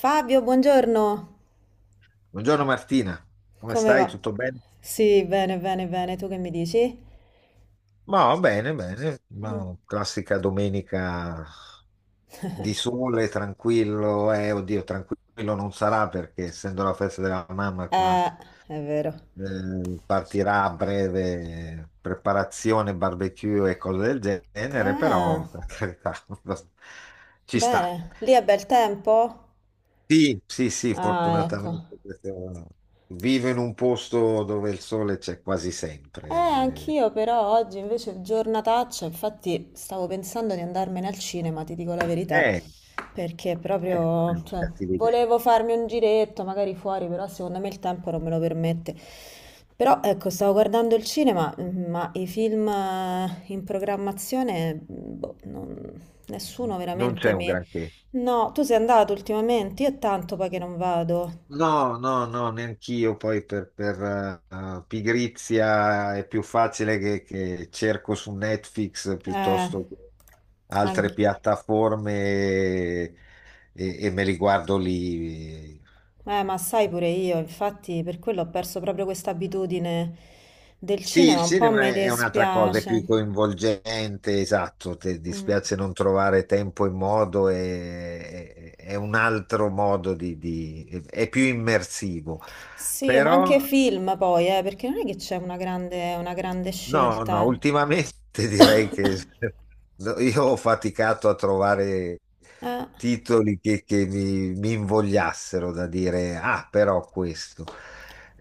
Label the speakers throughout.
Speaker 1: Fabio, buongiorno.
Speaker 2: Buongiorno Martina, come
Speaker 1: Come
Speaker 2: stai?
Speaker 1: va?
Speaker 2: Tutto bene?
Speaker 1: Sì, bene, bene, bene. Tu che mi dici?
Speaker 2: Ma bene, bene, ma classica domenica di sole, tranquillo, oddio, tranquillo non sarà perché essendo la festa della mamma qua
Speaker 1: Eh, è vero.
Speaker 2: partirà a breve preparazione, barbecue e cose del genere,
Speaker 1: Ah,
Speaker 2: però per carità ci sta.
Speaker 1: bene. Lì è bel tempo?
Speaker 2: Sì, sì, sì,
Speaker 1: Ah, ecco.
Speaker 2: fortunatamente vivo in un posto dove il sole c'è quasi
Speaker 1: Eh,
Speaker 2: sempre.
Speaker 1: anch'io però oggi invece giornataccia, infatti stavo pensando di andarmene al cinema, ti dico la verità,
Speaker 2: Eh,
Speaker 1: perché
Speaker 2: Non è
Speaker 1: proprio,
Speaker 2: una
Speaker 1: cioè,
Speaker 2: cattiva idea.
Speaker 1: volevo farmi un giretto magari fuori, però secondo me il tempo non me lo permette. Però ecco, stavo guardando il cinema, ma i film in programmazione, boh, nessuno
Speaker 2: Non
Speaker 1: veramente
Speaker 2: c'è un
Speaker 1: mi.
Speaker 2: granché.
Speaker 1: No, tu sei andato ultimamente, io è tanto poi che non vado.
Speaker 2: No, no, no, neanch'io. Poi per pigrizia è più facile che cerco su Netflix
Speaker 1: Eh,
Speaker 2: piuttosto che altre
Speaker 1: anche.
Speaker 2: piattaforme e, e me li guardo lì.
Speaker 1: Ma sai pure io, infatti per quello ho perso proprio questa abitudine del
Speaker 2: Sì,
Speaker 1: cinema,
Speaker 2: il
Speaker 1: un po'
Speaker 2: cinema
Speaker 1: mi
Speaker 2: è un'altra cosa, è
Speaker 1: dispiace.
Speaker 2: più coinvolgente, esatto, ti
Speaker 1: Mm.
Speaker 2: dispiace non trovare tempo e modo, è un altro modo è più immersivo,
Speaker 1: Sì, ma anche
Speaker 2: però
Speaker 1: film poi, perché non è che c'è una grande
Speaker 2: no, no,
Speaker 1: scelta.
Speaker 2: ultimamente direi che no, io ho faticato a trovare
Speaker 1: Eh,
Speaker 2: titoli che mi invogliassero da dire, ah, però questo.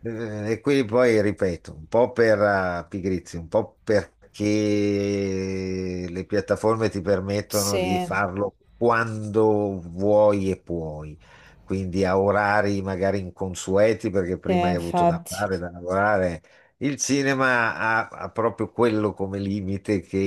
Speaker 2: E quindi poi ripeto, un po' per pigrizia, un po' perché le piattaforme ti permettono di
Speaker 1: sì,
Speaker 2: farlo quando vuoi e puoi, quindi a orari magari inconsueti, perché
Speaker 1: sì,
Speaker 2: prima hai avuto da
Speaker 1: infatti.
Speaker 2: fare, da lavorare. Il cinema ha proprio quello come limite che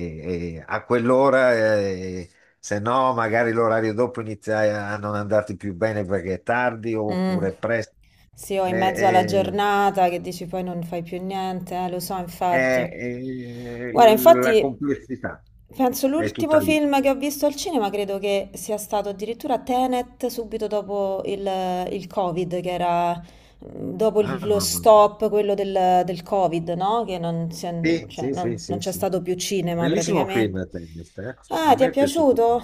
Speaker 2: a quell'ora, se no magari l'orario dopo inizia a non andarti più bene perché è tardi
Speaker 1: Mm.
Speaker 2: oppure è presto.
Speaker 1: Sì, o in mezzo alla
Speaker 2: Eh,
Speaker 1: giornata che dici poi non fai più niente, lo so, infatti. Guarda,
Speaker 2: la
Speaker 1: infatti,
Speaker 2: complessità
Speaker 1: penso
Speaker 2: è
Speaker 1: l'ultimo
Speaker 2: tutta lì.
Speaker 1: film che ho visto al cinema credo che sia stato addirittura Tenet subito dopo il Covid, che era dopo
Speaker 2: Ah,
Speaker 1: lo
Speaker 2: mamma mia.
Speaker 1: stop, quello del Covid, no? Che non,
Speaker 2: Sì,
Speaker 1: cioè,
Speaker 2: sì, sì,
Speaker 1: non
Speaker 2: sì,
Speaker 1: c'è
Speaker 2: sì.
Speaker 1: stato più cinema
Speaker 2: Bellissimo
Speaker 1: praticamente.
Speaker 2: film, Tennis, eh? A
Speaker 1: Ah, ti
Speaker 2: me
Speaker 1: è
Speaker 2: è piaciuto.
Speaker 1: piaciuto?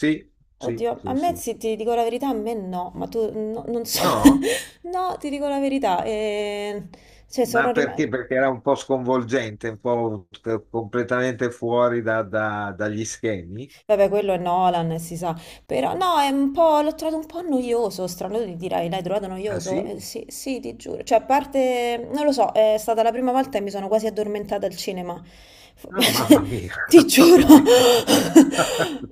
Speaker 2: Sì, sì,
Speaker 1: Oddio, a
Speaker 2: sì,
Speaker 1: me
Speaker 2: sì,
Speaker 1: sì,
Speaker 2: sì.
Speaker 1: ti dico la verità, a me no, ma tu non so.
Speaker 2: No?
Speaker 1: No, ti dico la verità. Cioè, sono
Speaker 2: Ma
Speaker 1: rimasta.
Speaker 2: perché? Perché era un po' sconvolgente, un po' completamente fuori dagli schemi.
Speaker 1: Vabbè, quello è Nolan, si sa. Però no, è un po', l'ho trovato un po' noioso, strano, tu dirai, l'hai trovato
Speaker 2: Ah
Speaker 1: noioso?
Speaker 2: sì?
Speaker 1: Sì, sì, ti giuro. Cioè, a parte, non lo so, è stata la prima volta e mi sono quasi addormentata al cinema.
Speaker 2: Ah, mamma mia!
Speaker 1: Ti giuro.
Speaker 2: Oddio.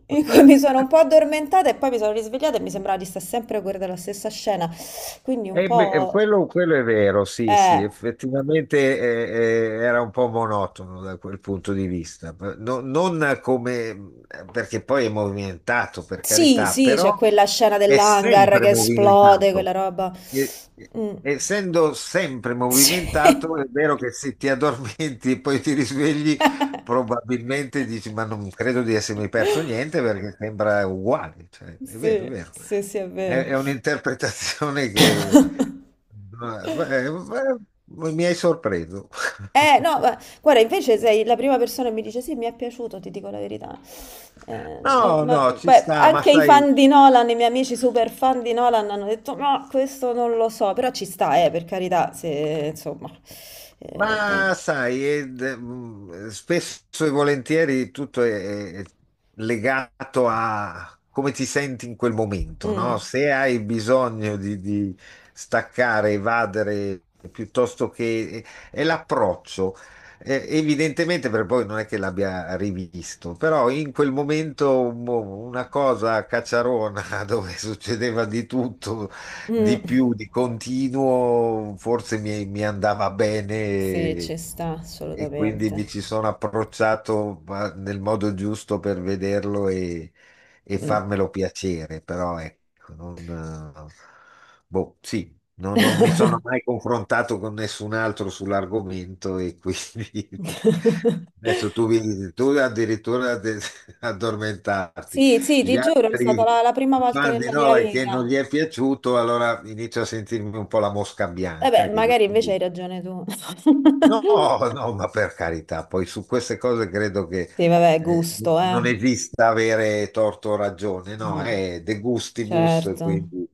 Speaker 1: In cui mi sono un po' addormentata e poi mi sono risvegliata e mi sembrava di stare sempre a guardare la stessa scena. Quindi un
Speaker 2: Beh,
Speaker 1: po'.
Speaker 2: quello è vero, sì, sì,
Speaker 1: Eh.
Speaker 2: effettivamente era un po' monotono da quel punto di vista, non come, perché poi è movimentato, per
Speaker 1: Sì,
Speaker 2: carità,
Speaker 1: sì, c'è
Speaker 2: però
Speaker 1: quella scena
Speaker 2: è
Speaker 1: dell'hangar
Speaker 2: sempre
Speaker 1: che esplode, quella
Speaker 2: movimentato.
Speaker 1: roba.
Speaker 2: E- e-
Speaker 1: Mm.
Speaker 2: Essendo sempre
Speaker 1: Sì.
Speaker 2: movimentato, è vero che se ti addormenti e poi ti risvegli, probabilmente dici: ma non credo di essermi perso niente perché sembra uguale. Cioè, è vero, è
Speaker 1: Sì,
Speaker 2: vero.
Speaker 1: sì, sì, è vero.
Speaker 2: È un'interpretazione che mi hai sorpreso.
Speaker 1: No, guarda, invece sei la prima persona che mi dice sì, mi è piaciuto, ti dico la verità. No,
Speaker 2: No, no, ci
Speaker 1: beh,
Speaker 2: sta, ma
Speaker 1: anche i
Speaker 2: sai.
Speaker 1: fan di Nolan, i miei amici super fan di Nolan hanno detto no, questo non lo so, però ci sta, per carità, se, insomma. Poi.
Speaker 2: Ma sai, spesso e volentieri tutto è legato a come ti senti in quel momento, no?
Speaker 1: Mm,
Speaker 2: Se hai bisogno di staccare, evadere, piuttosto che... è l'approccio. Evidentemente, per poi non è che l'abbia rivisto, però in quel momento mo, una cosa a cacciarona dove succedeva di tutto di
Speaker 1: mm.
Speaker 2: più, di continuo, forse mi andava bene
Speaker 1: sì, ci sta,
Speaker 2: e quindi
Speaker 1: assolutamente.
Speaker 2: mi ci sono approcciato ma nel modo giusto per vederlo e
Speaker 1: Mm.
Speaker 2: farmelo piacere, però ecco, non, eh, boh, sì, non mi sono mai confrontato con nessun altro sull'argomento e quindi adesso tu, addormentarti.
Speaker 1: Sì, sì,
Speaker 2: Gli
Speaker 1: ti giuro, è stata
Speaker 2: altri
Speaker 1: la prima volta
Speaker 2: fan di
Speaker 1: nella mia
Speaker 2: Nolan che non
Speaker 1: vita.
Speaker 2: gli è piaciuto, allora inizio a sentirmi un po' la mosca
Speaker 1: Vabbè,
Speaker 2: bianca che dice,
Speaker 1: magari invece hai ragione tu.
Speaker 2: no, no, ma per carità, poi su queste cose credo che
Speaker 1: Sì, vabbè,
Speaker 2: eh,
Speaker 1: gusto, eh.
Speaker 2: non esista avere torto o ragione, no,
Speaker 1: Mm,
Speaker 2: è de gustibus,
Speaker 1: certo.
Speaker 2: quindi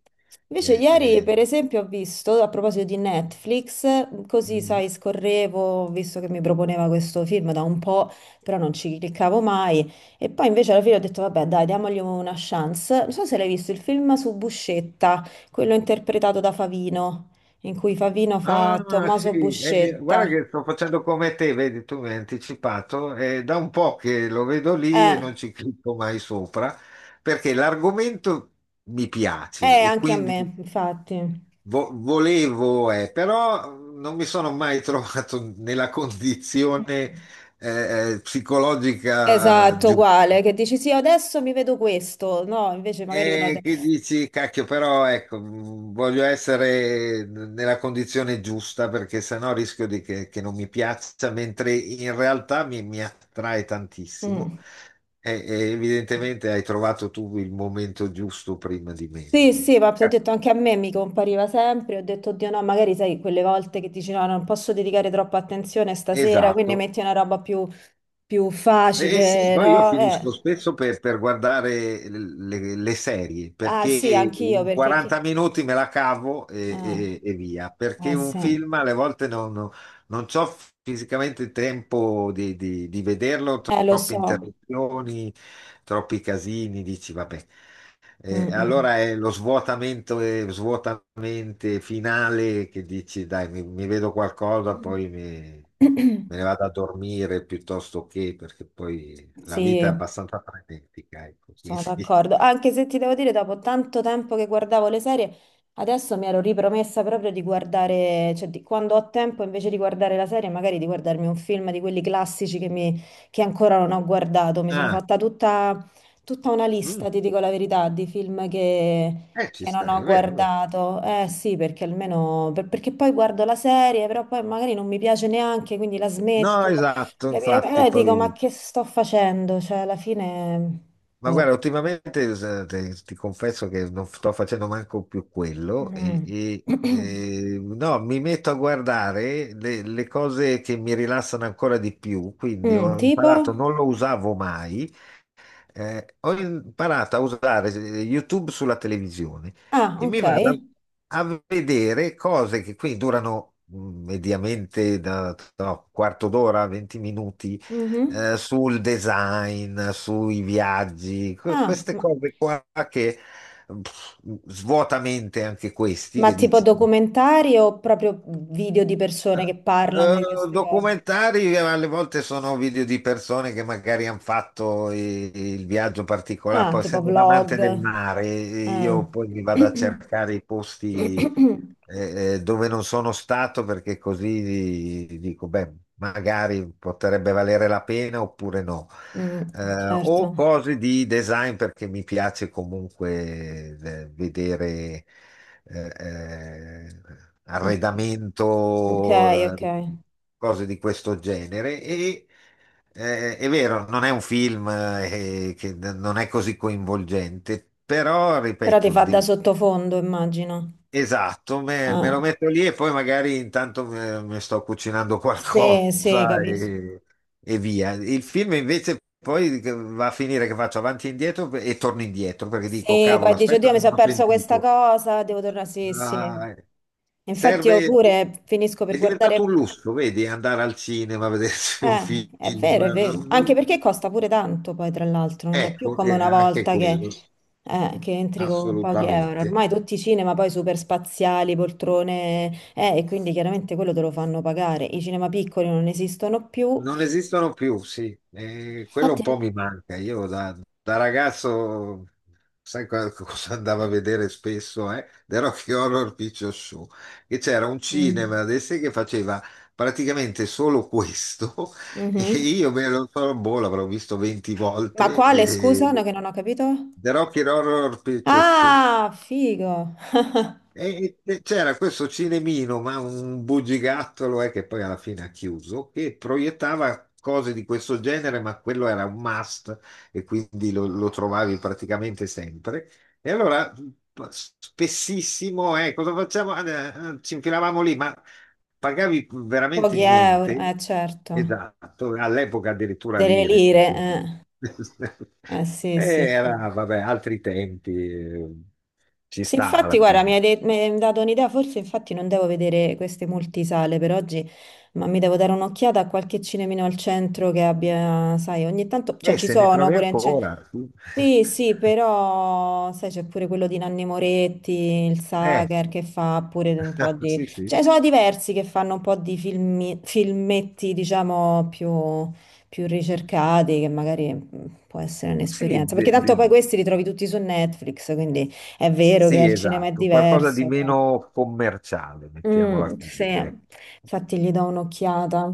Speaker 1: Invece
Speaker 2: eh,
Speaker 1: ieri, per
Speaker 2: eh,
Speaker 1: esempio, ho visto, a proposito di Netflix, così, sai, scorrevo, visto che mi proponeva questo film da un po', però non ci cliccavo mai, e poi invece alla fine ho detto, vabbè, dai, diamogli una chance. Non so se l'hai visto, il film su Buscetta, quello interpretato da Favino, in cui Favino fa
Speaker 2: ah, sì,
Speaker 1: Tommaso
Speaker 2: guarda
Speaker 1: Buscetta.
Speaker 2: che sto facendo come te, vedi, tu mi hai anticipato, è da un po' che lo vedo lì e
Speaker 1: Eh,
Speaker 2: non ci clicco mai sopra, perché l'argomento mi piace
Speaker 1: eh,
Speaker 2: e
Speaker 1: anche a
Speaker 2: quindi
Speaker 1: me, infatti.
Speaker 2: volevo, però non mi sono mai trovato nella condizione, psicologica
Speaker 1: Esatto,
Speaker 2: giusta.
Speaker 1: uguale, che dici sì, adesso mi vedo questo, no, invece magari uno.
Speaker 2: E che dici, cacchio, però ecco, voglio essere nella condizione giusta perché sennò rischio di che non mi piaccia, mentre in realtà mi attrae tantissimo.
Speaker 1: Mm.
Speaker 2: E evidentemente hai trovato tu il momento giusto prima di me.
Speaker 1: Sì, sì, ma ti ho
Speaker 2: Eh,
Speaker 1: detto anche a me mi compariva sempre, ho detto, oddio no, magari sai quelle volte che dici no, non posso dedicare troppa attenzione stasera, quindi
Speaker 2: Esatto.
Speaker 1: metti una roba più,
Speaker 2: Sì,
Speaker 1: facile,
Speaker 2: poi io
Speaker 1: no?
Speaker 2: finisco spesso per guardare le serie
Speaker 1: Ah
Speaker 2: perché
Speaker 1: sì, anch'io
Speaker 2: in
Speaker 1: perché.
Speaker 2: 40
Speaker 1: Chi.
Speaker 2: minuti me la cavo e,
Speaker 1: Ah,
Speaker 2: via, perché un
Speaker 1: sì,
Speaker 2: film alle volte non c'ho fisicamente il tempo di vederlo,
Speaker 1: lo
Speaker 2: troppe
Speaker 1: so.
Speaker 2: interruzioni, troppi casini, dici vabbè.
Speaker 1: Mm,
Speaker 2: Allora è lo svuotamento svuotamente finale che dici dai, mi vedo qualcosa, poi mi
Speaker 1: mm.
Speaker 2: me ne vado a dormire piuttosto che perché poi la vita è
Speaker 1: Sì,
Speaker 2: abbastanza frenetica, ecco, quindi...
Speaker 1: sono d'accordo, anche se ti devo dire, dopo tanto tempo che guardavo le serie, adesso mi ero ripromessa proprio di guardare, cioè quando ho tempo invece di guardare la serie, magari di guardarmi un film di quelli classici che, che ancora non ho guardato. Mi sono
Speaker 2: Ah,
Speaker 1: fatta tutta, tutta una
Speaker 2: mm,
Speaker 1: lista, ti dico la verità, di film che,
Speaker 2: Ci
Speaker 1: che non
Speaker 2: stai,
Speaker 1: ho
Speaker 2: è vero, è vero.
Speaker 1: guardato. Eh sì, perché almeno, perché poi guardo la serie, però poi magari non mi piace neanche, quindi la
Speaker 2: No,
Speaker 1: smetto.
Speaker 2: esatto,
Speaker 1: E
Speaker 2: infatti,
Speaker 1: allora dico, ma
Speaker 2: poi...
Speaker 1: che sto facendo? Cioè, alla fine...
Speaker 2: Ma
Speaker 1: boh.
Speaker 2: guarda, ultimamente ti confesso che non sto facendo manco più quello e,
Speaker 1: Mm.
Speaker 2: no, mi metto a guardare le cose che mi rilassano ancora di più, quindi
Speaker 1: Mm,
Speaker 2: ho
Speaker 1: tipo?
Speaker 2: imparato, non lo usavo mai, ho imparato a usare YouTube sulla televisione
Speaker 1: Ah,
Speaker 2: e mi
Speaker 1: ok.
Speaker 2: vado a vedere cose che qui durano mediamente da no, quarto d'ora, 20 minuti,
Speaker 1: Mhm.
Speaker 2: sul design, sui viaggi,
Speaker 1: Ah,
Speaker 2: queste
Speaker 1: ma,
Speaker 2: cose qua che pff, svuotamente anche questi
Speaker 1: ma
Speaker 2: che
Speaker 1: tipo
Speaker 2: dici.
Speaker 1: documentari o proprio video di
Speaker 2: Eh,
Speaker 1: persone che parlano di queste cose?
Speaker 2: Documentari, alle volte sono video di persone che magari hanno fatto il viaggio particolare.
Speaker 1: Ah,
Speaker 2: Poi,
Speaker 1: tipo
Speaker 2: essendo un
Speaker 1: vlog.
Speaker 2: amante del mare,
Speaker 1: Ah.
Speaker 2: io poi mi vado a cercare i posti dove non sono stato perché così dico, beh, magari potrebbe valere la pena oppure no.
Speaker 1: Mm, certo.
Speaker 2: O cose di design perché mi piace comunque vedere eh, eh,
Speaker 1: Mm. Ok,
Speaker 2: arredamento,
Speaker 1: ok.
Speaker 2: cose di questo genere. È vero, non è un film che non è così coinvolgente, però
Speaker 1: Però ti
Speaker 2: ripeto,
Speaker 1: fa da
Speaker 2: di-
Speaker 1: sottofondo, immagino.
Speaker 2: Esatto, me lo
Speaker 1: Ah.
Speaker 2: metto lì e poi magari intanto mi sto cucinando qualcosa
Speaker 1: Sì, sì, capisco.
Speaker 2: e via. Il film invece poi va a finire che faccio avanti e indietro e torno indietro perché dico,
Speaker 1: Sì, poi
Speaker 2: cavolo,
Speaker 1: dici,
Speaker 2: aspetta,
Speaker 1: oddio, mi
Speaker 2: non
Speaker 1: sono
Speaker 2: ho
Speaker 1: perso questa
Speaker 2: sentito.
Speaker 1: cosa, devo tornare. Sì, sì.
Speaker 2: Ah,
Speaker 1: Infatti io
Speaker 2: serve,
Speaker 1: pure finisco per
Speaker 2: è
Speaker 1: guardare.
Speaker 2: diventato un lusso, vedi, andare al cinema a vedersi un film.
Speaker 1: È vero, è vero.
Speaker 2: Non-
Speaker 1: Anche
Speaker 2: non-
Speaker 1: perché costa pure tanto, poi, tra l'altro. Non è più
Speaker 2: Ecco,
Speaker 1: come una
Speaker 2: anche
Speaker 1: volta che,
Speaker 2: quello,
Speaker 1: che entri con pochi euro.
Speaker 2: assolutamente.
Speaker 1: Ormai tutti i cinema poi super spaziali, poltrone, e quindi chiaramente quello te lo fanno pagare. I cinema piccoli non esistono più.
Speaker 2: Non esistono più, sì, e quello un po'
Speaker 1: Infatti.
Speaker 2: mi manca. Io da ragazzo, sai cosa andavo a vedere spesso, eh? The Rocky Horror Picture Show, che c'era un
Speaker 1: Mm.
Speaker 2: cinema adesso che faceva praticamente solo questo e
Speaker 1: Mhm.
Speaker 2: io me lo so, boh, l'avrò visto 20
Speaker 1: Ma
Speaker 2: volte.
Speaker 1: quale,
Speaker 2: E...
Speaker 1: scusa, no, che non ho capito?
Speaker 2: The Rocky Horror Picture Show.
Speaker 1: Ah, figo.
Speaker 2: C'era questo cinemino, ma un bugigattolo che poi alla fine ha chiuso, che proiettava cose di questo genere, ma quello era un must e quindi lo trovavi praticamente sempre. E allora spessissimo, cosa facciamo? Ah, ci infilavamo lì, ma pagavi veramente
Speaker 1: Pochi euro, eh
Speaker 2: niente.
Speaker 1: certo,
Speaker 2: Esatto, all'epoca addirittura
Speaker 1: delle
Speaker 2: lire,
Speaker 1: lire,
Speaker 2: quindi
Speaker 1: eh, eh sì, sì,
Speaker 2: Eh,
Speaker 1: sì.
Speaker 2: Era, vabbè, altri tempi, ci
Speaker 1: Sì,
Speaker 2: sta
Speaker 1: infatti,
Speaker 2: alla
Speaker 1: guarda, mi
Speaker 2: fine.
Speaker 1: hai, de- mi hai dato un'idea, forse infatti non devo vedere queste multisale per oggi, ma mi devo dare un'occhiata a qualche cinemino al centro che abbia, sai, ogni tanto, cioè ci
Speaker 2: Se ne
Speaker 1: sono
Speaker 2: trovi
Speaker 1: pure.
Speaker 2: ancora. Sì.
Speaker 1: Sì, sì, però sai c'è pure quello di Nanni Moretti, il
Speaker 2: Eh,
Speaker 1: Sacher che fa pure un po' di.
Speaker 2: sì, sì,
Speaker 1: Cioè sono diversi che fanno un po' di filmetti, diciamo, più, ricercati, che magari può essere
Speaker 2: sì,
Speaker 1: un'esperienza. Perché tanto poi questi li trovi tutti su Netflix, quindi è vero che
Speaker 2: sì,
Speaker 1: al cinema è
Speaker 2: esatto, qualcosa di
Speaker 1: diverso, però.
Speaker 2: meno commerciale, mettiamola
Speaker 1: Mm, sì,
Speaker 2: così.
Speaker 1: infatti gli do un'occhiata.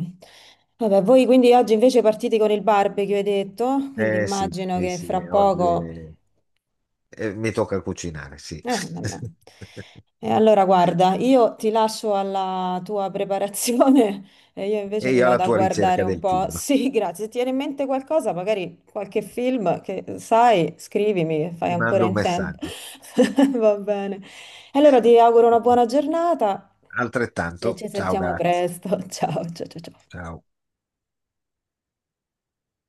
Speaker 1: Vabbè, voi quindi oggi invece partite con il barbecue, hai detto, quindi
Speaker 2: Eh sì,
Speaker 1: immagino
Speaker 2: sì,
Speaker 1: che
Speaker 2: sì,
Speaker 1: fra
Speaker 2: oggi
Speaker 1: poco.
Speaker 2: è- mi tocca cucinare, sì.
Speaker 1: Vabbè. E allora guarda, io ti lascio alla tua preparazione e io invece
Speaker 2: E
Speaker 1: mi
Speaker 2: io alla
Speaker 1: vado a
Speaker 2: tua
Speaker 1: guardare
Speaker 2: ricerca
Speaker 1: un
Speaker 2: del
Speaker 1: po'.
Speaker 2: film.
Speaker 1: Sì, grazie. Se ti viene in mente qualcosa, magari qualche film che sai, scrivimi, che fai
Speaker 2: Ti
Speaker 1: ancora
Speaker 2: mando un
Speaker 1: in tempo.
Speaker 2: messaggio.
Speaker 1: Va bene. E allora ti auguro una buona giornata e
Speaker 2: Altrettanto,
Speaker 1: ci
Speaker 2: ciao,
Speaker 1: sentiamo
Speaker 2: grazie.
Speaker 1: presto. Ciao, ciao, ciao. Ciao.
Speaker 2: Ciao.